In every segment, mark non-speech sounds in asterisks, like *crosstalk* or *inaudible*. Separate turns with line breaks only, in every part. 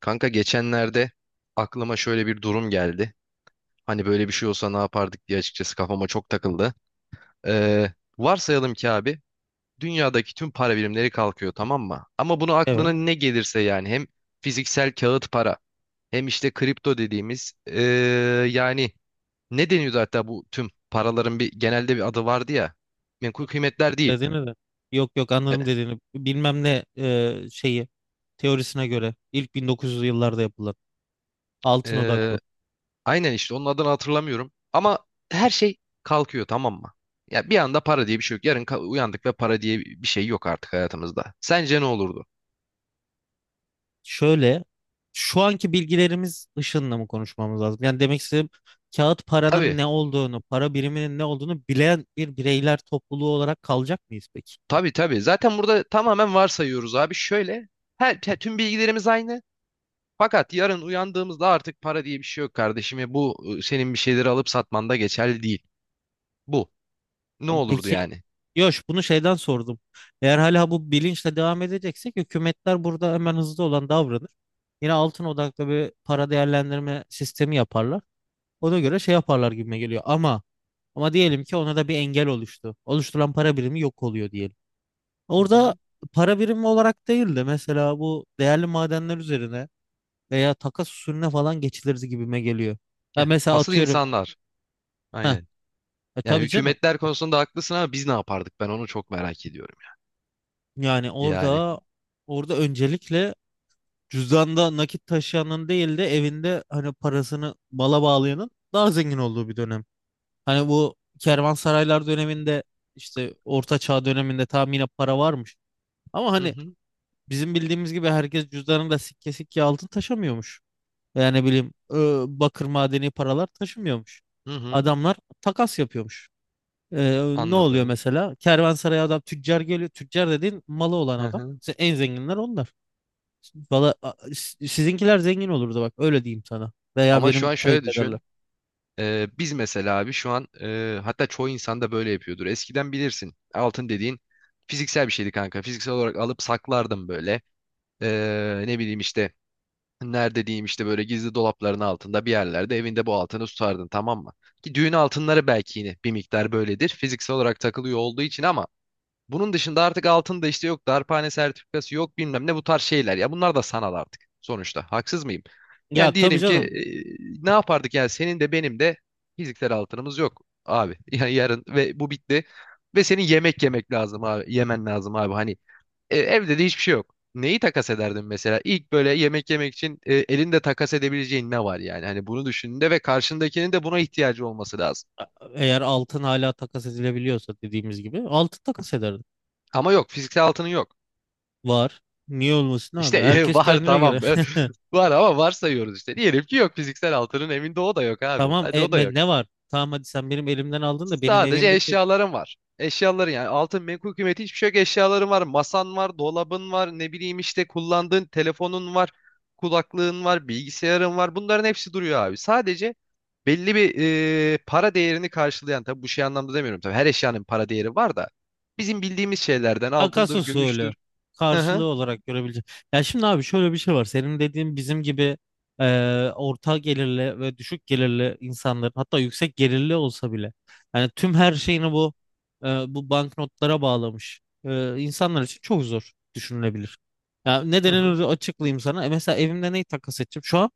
Kanka geçenlerde aklıma şöyle bir durum geldi. Hani böyle bir şey olsa ne yapardık diye açıkçası kafama çok takıldı. Ee, Varsayalım ki abi, dünyadaki tüm para birimleri kalkıyor, tamam mı? Ama bunu aklına
Evet.
ne gelirse, yani hem fiziksel kağıt para hem işte kripto dediğimiz, yani ne deniyordu, hatta bu tüm paraların bir genelde bir adı vardı ya. Menkul kıymetler değil.
Dediğini de. Yok, anladım dediğini. Bilmem ne şeyi teorisine göre ilk 1900'lü yıllarda yapılan altın
Ee,
odaklı.
Aynen işte, onun adını hatırlamıyorum. Ama her şey kalkıyor, tamam mı? Ya bir anda para diye bir şey yok. Uyandık ve para diye bir şey yok artık hayatımızda. Sence ne olurdu?
Şöyle, şu anki bilgilerimiz ışığında mı konuşmamız lazım? Yani demek istediğim, kağıt paranın
Tabii,
ne olduğunu, para biriminin ne olduğunu bilen bir bireyler topluluğu olarak kalacak mıyız peki?
tabii, tabii. Zaten burada tamamen varsayıyoruz abi. Şöyle, tüm bilgilerimiz aynı. Fakat yarın uyandığımızda artık para diye bir şey yok kardeşim. Ve bu, senin bir şeyleri alıp satmanda geçerli değil. Bu. Ne olurdu
Peki.
yani?
Yok, bunu şeyden sordum. Eğer hala bu bilinçle devam edeceksek, hükümetler burada hemen hızlı olan davranır. Yine altın odaklı bir para değerlendirme sistemi yaparlar. Ona göre şey yaparlar gibime geliyor. Ama diyelim ki ona da bir engel oluştu. Oluşturulan para birimi yok oluyor diyelim.
Hı
Orada
hı.
para birimi olarak değil de mesela bu değerli madenler üzerine veya takas usulüne falan geçilir gibime geliyor. Ya
Heh.
mesela
Asıl
atıyorum.
insanlar.
Heh,
Aynen.
e
Yani
tabii canım.
hükümetler konusunda haklısın ama biz ne yapardık? Ben onu çok merak ediyorum.
Yani
Yani.
orada öncelikle cüzdanda nakit taşıyanın değil de evinde hani parasını mala bağlayanın daha zengin olduğu bir dönem. Hani bu kervansaraylar döneminde, işte Orta Çağ döneminde tam yine para varmış. Ama
Hı
hani
hı.
bizim bildiğimiz gibi herkes cüzdanında sikke sikke altın taşımıyormuş. Yani bileyim bakır madeni paralar taşımıyormuş.
Hı hı,
Adamlar takas yapıyormuş. Ne oluyor
anladım.
mesela? Kervansaraya adam tüccar geliyor. Tüccar dediğin malı olan
Hı
adam.
hı.
İşte en zenginler onlar. Valla sizinkiler zengin olurdu, bak öyle diyeyim sana. Veya
Ama şu
benim
an şöyle
kayınpederler.
düşün. Biz mesela abi şu an, hatta çoğu insan da böyle yapıyordur. Eskiden bilirsin, altın dediğin fiziksel bir şeydi kanka. Fiziksel olarak alıp saklardım böyle. Ne bileyim işte, nerede diyeyim, işte böyle gizli dolapların altında bir yerlerde evinde bu altını tutardın, tamam mı? Ki düğün altınları belki yine bir miktar böyledir, fiziksel olarak takılıyor olduğu için. Ama bunun dışında artık altın da işte yok, darphane sertifikası yok, bilmem ne, bu tarz şeyler. Ya bunlar da sanal artık sonuçta. Haksız mıyım?
Ya
Yani
tabii
diyelim ki,
canım.
ne yapardık yani? Senin de benim de fiziksel altınımız yok abi. *laughs* Yani yarın ve bu bitti. Ve senin yemek yemek lazım abi. Yemen lazım abi. Hani, evde de hiçbir şey yok. Neyi takas ederdin mesela? İlk böyle yemek yemek için, elinde takas edebileceğin ne var yani? Hani bunu düşündüğünde ve karşındakinin de buna ihtiyacı olması lazım.
A- Eğer altın hala takas edilebiliyorsa, dediğimiz gibi altın takas ederdim.
Ama yok, fiziksel altının yok.
Var. Niye olmasın abi?
İşte *laughs*
Herkes
var
kendine göre.
tamam.
*laughs*
*laughs* Var ama varsayıyoruz işte. Diyelim ki yok, fiziksel altının evinde, o da yok abi.
Tamam
Hadi o da yok.
ne var? Tamam, hadi sen benim elimden aldın da benim
Sadece
evimdeki
eşyaların var. Eşyaların, yani altın, menkul kıymeti hiçbir şey yok. Eşyaların var. Masan var, dolabın var, ne bileyim işte kullandığın telefonun var, kulaklığın var, bilgisayarın var. Bunların hepsi duruyor abi. Sadece belli bir, para değerini karşılayan, tabii bu şey anlamda demiyorum, tabii her eşyanın para değeri var da, bizim bildiğimiz şeylerden
takas
altındır,
usulü
gümüştür. Hı
karşılığı
hı.
olarak görebilecek. Ya şimdi abi şöyle bir şey var. Senin dediğin bizim gibi orta gelirli ve düşük gelirli insanların, hatta yüksek gelirli olsa bile, yani tüm her şeyini bu e, bu banknotlara bağlamış insanlar için çok zor düşünülebilir. Ya
Hı hı.
nedenini açıklayayım sana. E, mesela evimde neyi takas edeceğim? Şu an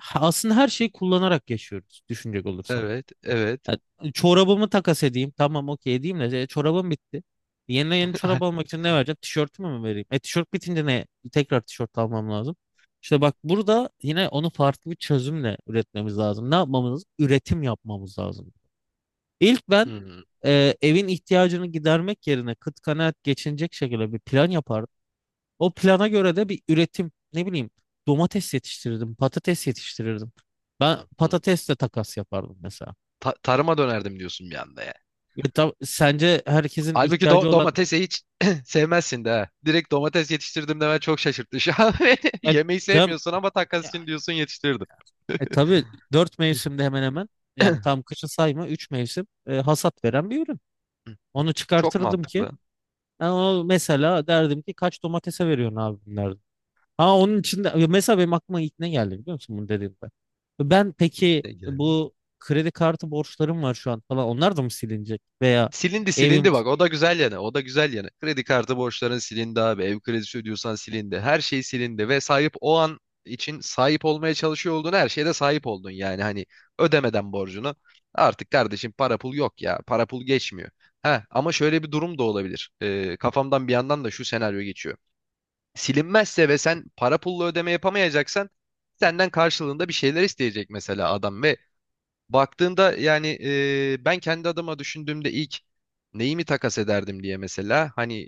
aslında her şeyi kullanarak yaşıyoruz, düşünecek olursan.
Evet, evet.
Ya, çorabımı takas edeyim. Tamam, okey edeyim de çorabım bitti. Yeni yeni çorap
*laughs*
almak için ne vereceğim? Tişörtümü mü vereyim? E tişört bitince ne? Tekrar tişört almam lazım. İşte bak, burada yine onu farklı bir çözümle üretmemiz lazım. Ne yapmamız lazım? Üretim yapmamız lazım. İlk ben
Hmm.
evin ihtiyacını gidermek yerine kıt kanaat geçinecek şekilde bir plan yapardım. O plana göre de bir üretim, ne bileyim, domates yetiştirirdim, patates yetiştirirdim. Ben
Hı.
patatesle takas yapardım mesela.
Tarıma dönerdim diyorsun bir anda ya.
Ya sence herkesin
Halbuki
ihtiyacı olan
domatesi hiç *clears throat* sevmezsin de. Ha. Direkt domates yetiştirdim demen çok şaşırttı şu an. *laughs*
ya
Yemeği
Cem,
sevmiyorsun ama takas
ya,
için diyorsun yetiştirdim.
tabii dört mevsimde hemen hemen, yani tam
*clears throat*
kışı sayma, üç mevsim hasat veren bir ürün. Onu
Çok
çıkartırdım ki
mantıklı.
ben onu, mesela derdim ki, kaç domatese veriyorsun abi bunlardan. Ha, onun içinde ya mesela benim aklıma ilk ne geldi biliyor musun bunu dediğimde. Ben peki bu kredi kartı borçlarım var şu an falan, onlar da mı silinecek veya
Silindi
evim?
silindi, bak o da güzel yanı, o da güzel yanı. Kredi kartı borçların silindi abi, ev kredisi ödüyorsan silindi, her şey silindi ve sahip o an için sahip olmaya çalışıyor olduğun her şeye de sahip oldun, yani hani ödemeden borcunu. Artık kardeşim para pul yok ya, para pul geçmiyor. Ha ama şöyle bir durum da olabilir. Kafamdan bir yandan da şu senaryo geçiyor. Silinmezse ve sen para pulla ödeme yapamayacaksan, senden karşılığında bir şeyler isteyecek mesela adam. Ve baktığında yani, ben kendi adıma düşündüğümde ilk neyi mi takas ederdim diye, mesela hani,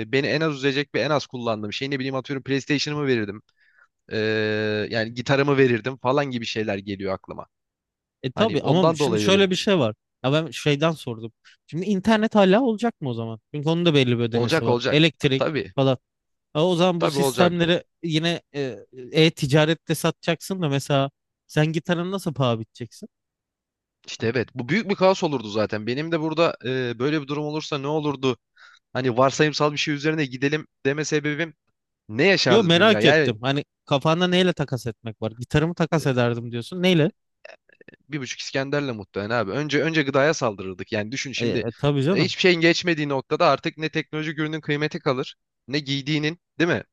beni en az üzecek ve en az kullandığım şey, ne bileyim, atıyorum PlayStation'ımı verirdim. E, Yani gitarımı verirdim falan gibi şeyler geliyor aklıma.
E
Hani
tabii ama
ondan
şimdi
dolayı dedim.
şöyle bir şey var. Ya ben şeyden sordum. Şimdi internet hala olacak mı o zaman? Çünkü onun da belli bir ödemesi
Olacak,
var.
olacak.
Elektrik
Tabii,
falan. Ha, o zaman bu
tabii, olacak.
sistemleri yine e-ticarette satacaksın da mesela sen gitarını nasıl paha biteceksin?
İşte evet, bu büyük bir kaos olurdu. Zaten benim de burada, böyle bir durum olursa ne olurdu, hani varsayımsal bir şey üzerine gidelim deme sebebim, ne
Yo,
yaşardı dünya
merak
yani.
ettim. Hani kafanda neyle takas etmek var? Gitarımı takas ederdim diyorsun. Neyle?
Bir buçuk İskender'le muhtemelen abi. Önce önce gıdaya saldırırdık. Yani düşün şimdi,
Tabii canım.
hiçbir şeyin geçmediği noktada artık ne teknolojik ürünün kıymeti kalır, ne giydiğinin, değil mi?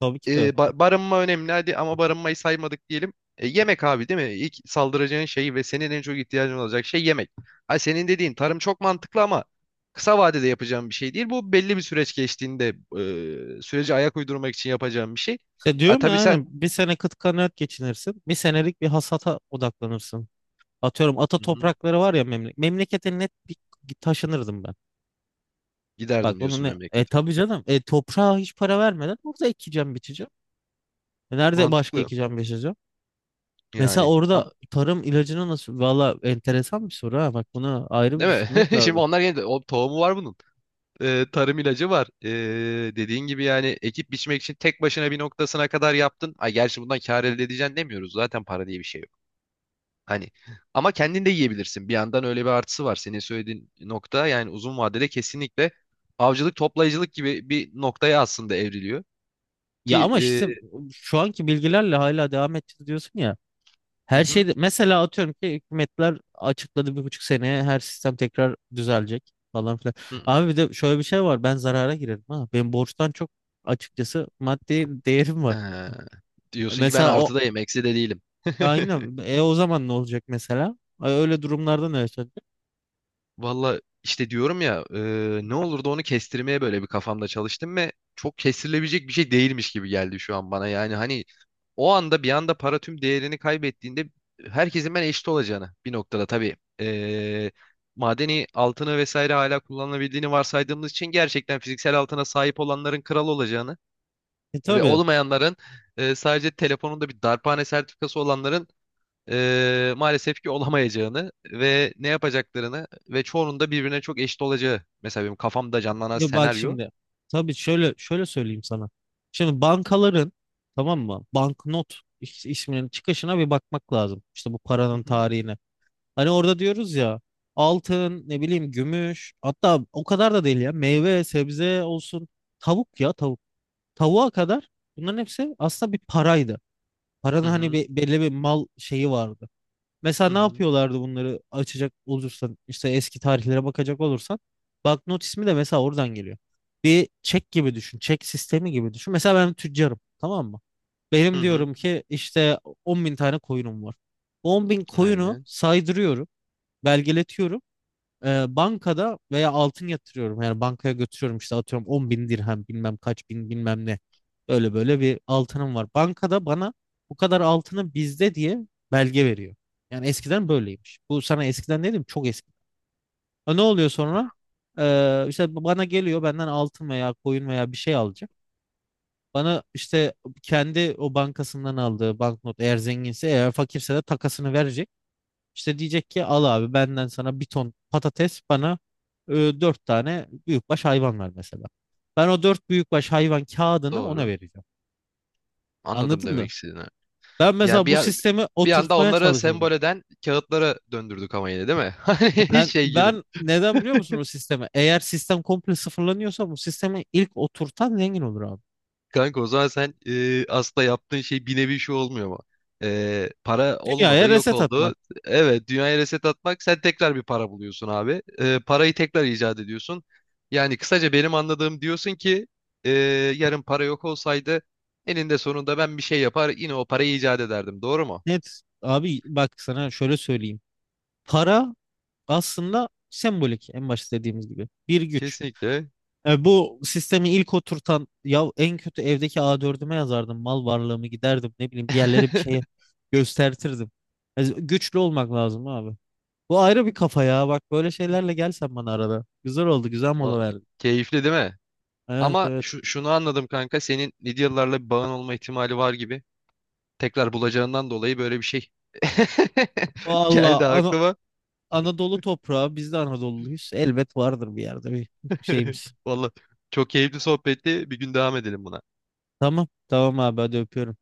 Tabii ki de.
E, barınma önemli hadi, ama barınmayı saymadık diyelim. E, yemek abi, değil mi? İlk saldıracağın şey ve senin en çok ihtiyacın olacak şey yemek. Ay senin dediğin tarım çok mantıklı ama kısa vadede yapacağım bir şey değil. Bu belli bir süreç geçtiğinde, sürece ayak uydurmak için yapacağım bir şey.
İşte
Ha,
diyorum ya,
tabii sen.
aynen bir sene kıt kanaat geçinirsin. Bir senelik bir hasata odaklanırsın. Atıyorum ata
Hı hı.
toprakları var ya, memlekete net bir taşınırdım ben. Bak
Giderdim
onu
diyorsun
ne? E
memlekete.
tabii canım. E toprağa hiç para vermeden orada ekeceğim, biçeceğim. E, nerede başka
Mantıklı
ekeceğim, biçeceğim? Mesela
yani. Ama
orada tarım ilacını nasıl? Valla enteresan bir soru ha. Bak bunu ayrı bir
değil mi?
düşünmek
*laughs* Şimdi
lazım.
onlar yeni, o tohumu var bunun. Tarım ilacı var. Dediğin gibi yani, ekip biçmek için tek başına bir noktasına kadar yaptın. Ay gerçi bundan kâr elde edeceksin demiyoruz, zaten para diye bir şey yok. Hani ama kendin de yiyebilirsin. Bir yandan öyle bir artısı var. Senin söylediğin nokta yani uzun vadede kesinlikle avcılık toplayıcılık gibi bir noktaya aslında evriliyor.
Ya
Ki
ama işte, şu anki bilgilerle hala devam edeceğiz diyorsun ya.
hı
Her
hı,
şeyde mesela atıyorum ki hükümetler açıkladı, 1,5 seneye her sistem tekrar düzelecek falan filan.
hı,
Abi bir de şöyle bir şey var, ben zarara girerim ha. Benim borçtan çok açıkçası maddi değerim var.
ee, diyorsun ki ben
Mesela o
artıdayım, eksi de değilim. *laughs*
aynen, e o zaman ne olacak mesela? E, öyle durumlarda ne yaşanacak?
Valla işte diyorum ya, ne olur da onu kestirmeye böyle bir kafamda çalıştım ve çok kestirilebilecek bir şey değilmiş gibi geldi şu an bana. Yani hani, o anda bir anda para tüm değerini kaybettiğinde, herkesin ben eşit olacağını bir noktada tabii. Madeni altını vesaire hala kullanılabildiğini varsaydığımız için gerçekten fiziksel altına sahip olanların kral olacağını
E
ve
tabii.
olmayanların, sadece telefonunda bir darphane sertifikası olanların maalesef ki olamayacağını ve ne yapacaklarını ve çoğunun da birbirine çok eşit olacağı. Mesela benim kafamda canlanan
Ya bak
senaryo.
şimdi, tabii şöyle söyleyeyim sana. Şimdi bankaların, tamam mı, banknot isminin çıkışına bir bakmak lazım. İşte bu
Hı
paranın
hı,
tarihine. Hani orada diyoruz ya, altın, ne bileyim gümüş, hatta o kadar da değil ya, meyve sebze olsun, tavuk ya, tavuk. Tavuğa kadar bunların hepsi aslında bir paraydı. Paranın
hı
hani
hı,
bir, belli bir mal şeyi vardı. Mesela
hı
ne
hı.
yapıyorlardı bunları, açacak olursan işte eski tarihlere bakacak olursan, banknot ismi de mesela oradan geliyor. Bir çek gibi düşün, çek sistemi gibi düşün. Mesela ben tüccarım, tamam mı?
Hı
Benim
hı.
diyorum ki işte, 10 bin tane koyunum var. 10 bin koyunu
Aynen.
saydırıyorum, belgeletiyorum. Bankada veya altın yatırıyorum. Yani bankaya götürüyorum, işte atıyorum 10 bin dirhem bilmem kaç bin bilmem ne. Böyle böyle bir altınım var. Bankada bana bu kadar altını bizde diye belge veriyor. Yani eskiden böyleymiş. Bu sana eskiden dedim, çok eski. Ha, ne oluyor sonra? İşte bana geliyor, benden altın veya koyun veya bir şey alacak. Bana işte kendi o bankasından aldığı banknot, eğer zenginse, eğer fakirse de takasını verecek. İşte diyecek ki, al abi benden sana bir ton patates, bana 4 tane büyükbaş hayvan ver mesela. Ben o 4 büyükbaş hayvan kağıdını ona
Doğru.
vereceğim.
Anladım
Anladın mı?
demek istediğini.
Ben
Ya
mesela bu
bir
sistemi
bir anda
oturtmaya
onları
çalışırdım.
sembol eden kağıtlara döndürdük ama, yine değil mi? *laughs* Hani
Ben
şey gibi.
ben neden biliyor musun o sistemi? Eğer sistem komple sıfırlanıyorsa, bu sistemi ilk oturtan zengin olur abi.
Kanka o zaman sen, aslında yaptığın şey bir nevi şu olmuyor mu? E, para
Dünyaya
olmadı, yok
reset atmak.
oldu. Evet, dünyaya reset atmak. Sen tekrar bir para buluyorsun abi. E, parayı tekrar icat ediyorsun. Yani kısaca benim anladığım, diyorsun ki, e, yarın para yok olsaydı eninde sonunda ben bir şey yapar yine o parayı icat ederdim. Doğru mu?
Net. Abi bak sana şöyle söyleyeyim. Para aslında sembolik, en başta dediğimiz gibi. Bir güç.
Kesinlikle.
E, bu sistemi ilk oturtan, ya en kötü evdeki a dördüme yazardım mal varlığımı, giderdim ne bileyim bir
*laughs*
yerlere bir şeye göstertirdim. E, güçlü olmak lazım abi. Bu ayrı bir kafa ya, bak böyle şeylerle gel sen bana arada. Güzel oldu, güzel
Va-
mola verdin.
Keyifli değil mi?
Evet,
Ama
evet.
şunu anladım kanka. Senin Lidyalılarla bir bağın olma ihtimali var gibi. Tekrar bulacağından dolayı böyle bir şey *laughs*
Valla
geldi aklıma.
Anadolu toprağı, biz de Anadolu'luyuz. Elbet vardır bir yerde bir şeyimiz.
*laughs* Vallahi çok keyifli sohbetti. Bir gün devam edelim buna.
Tamam tamam abi, hadi öpüyorum.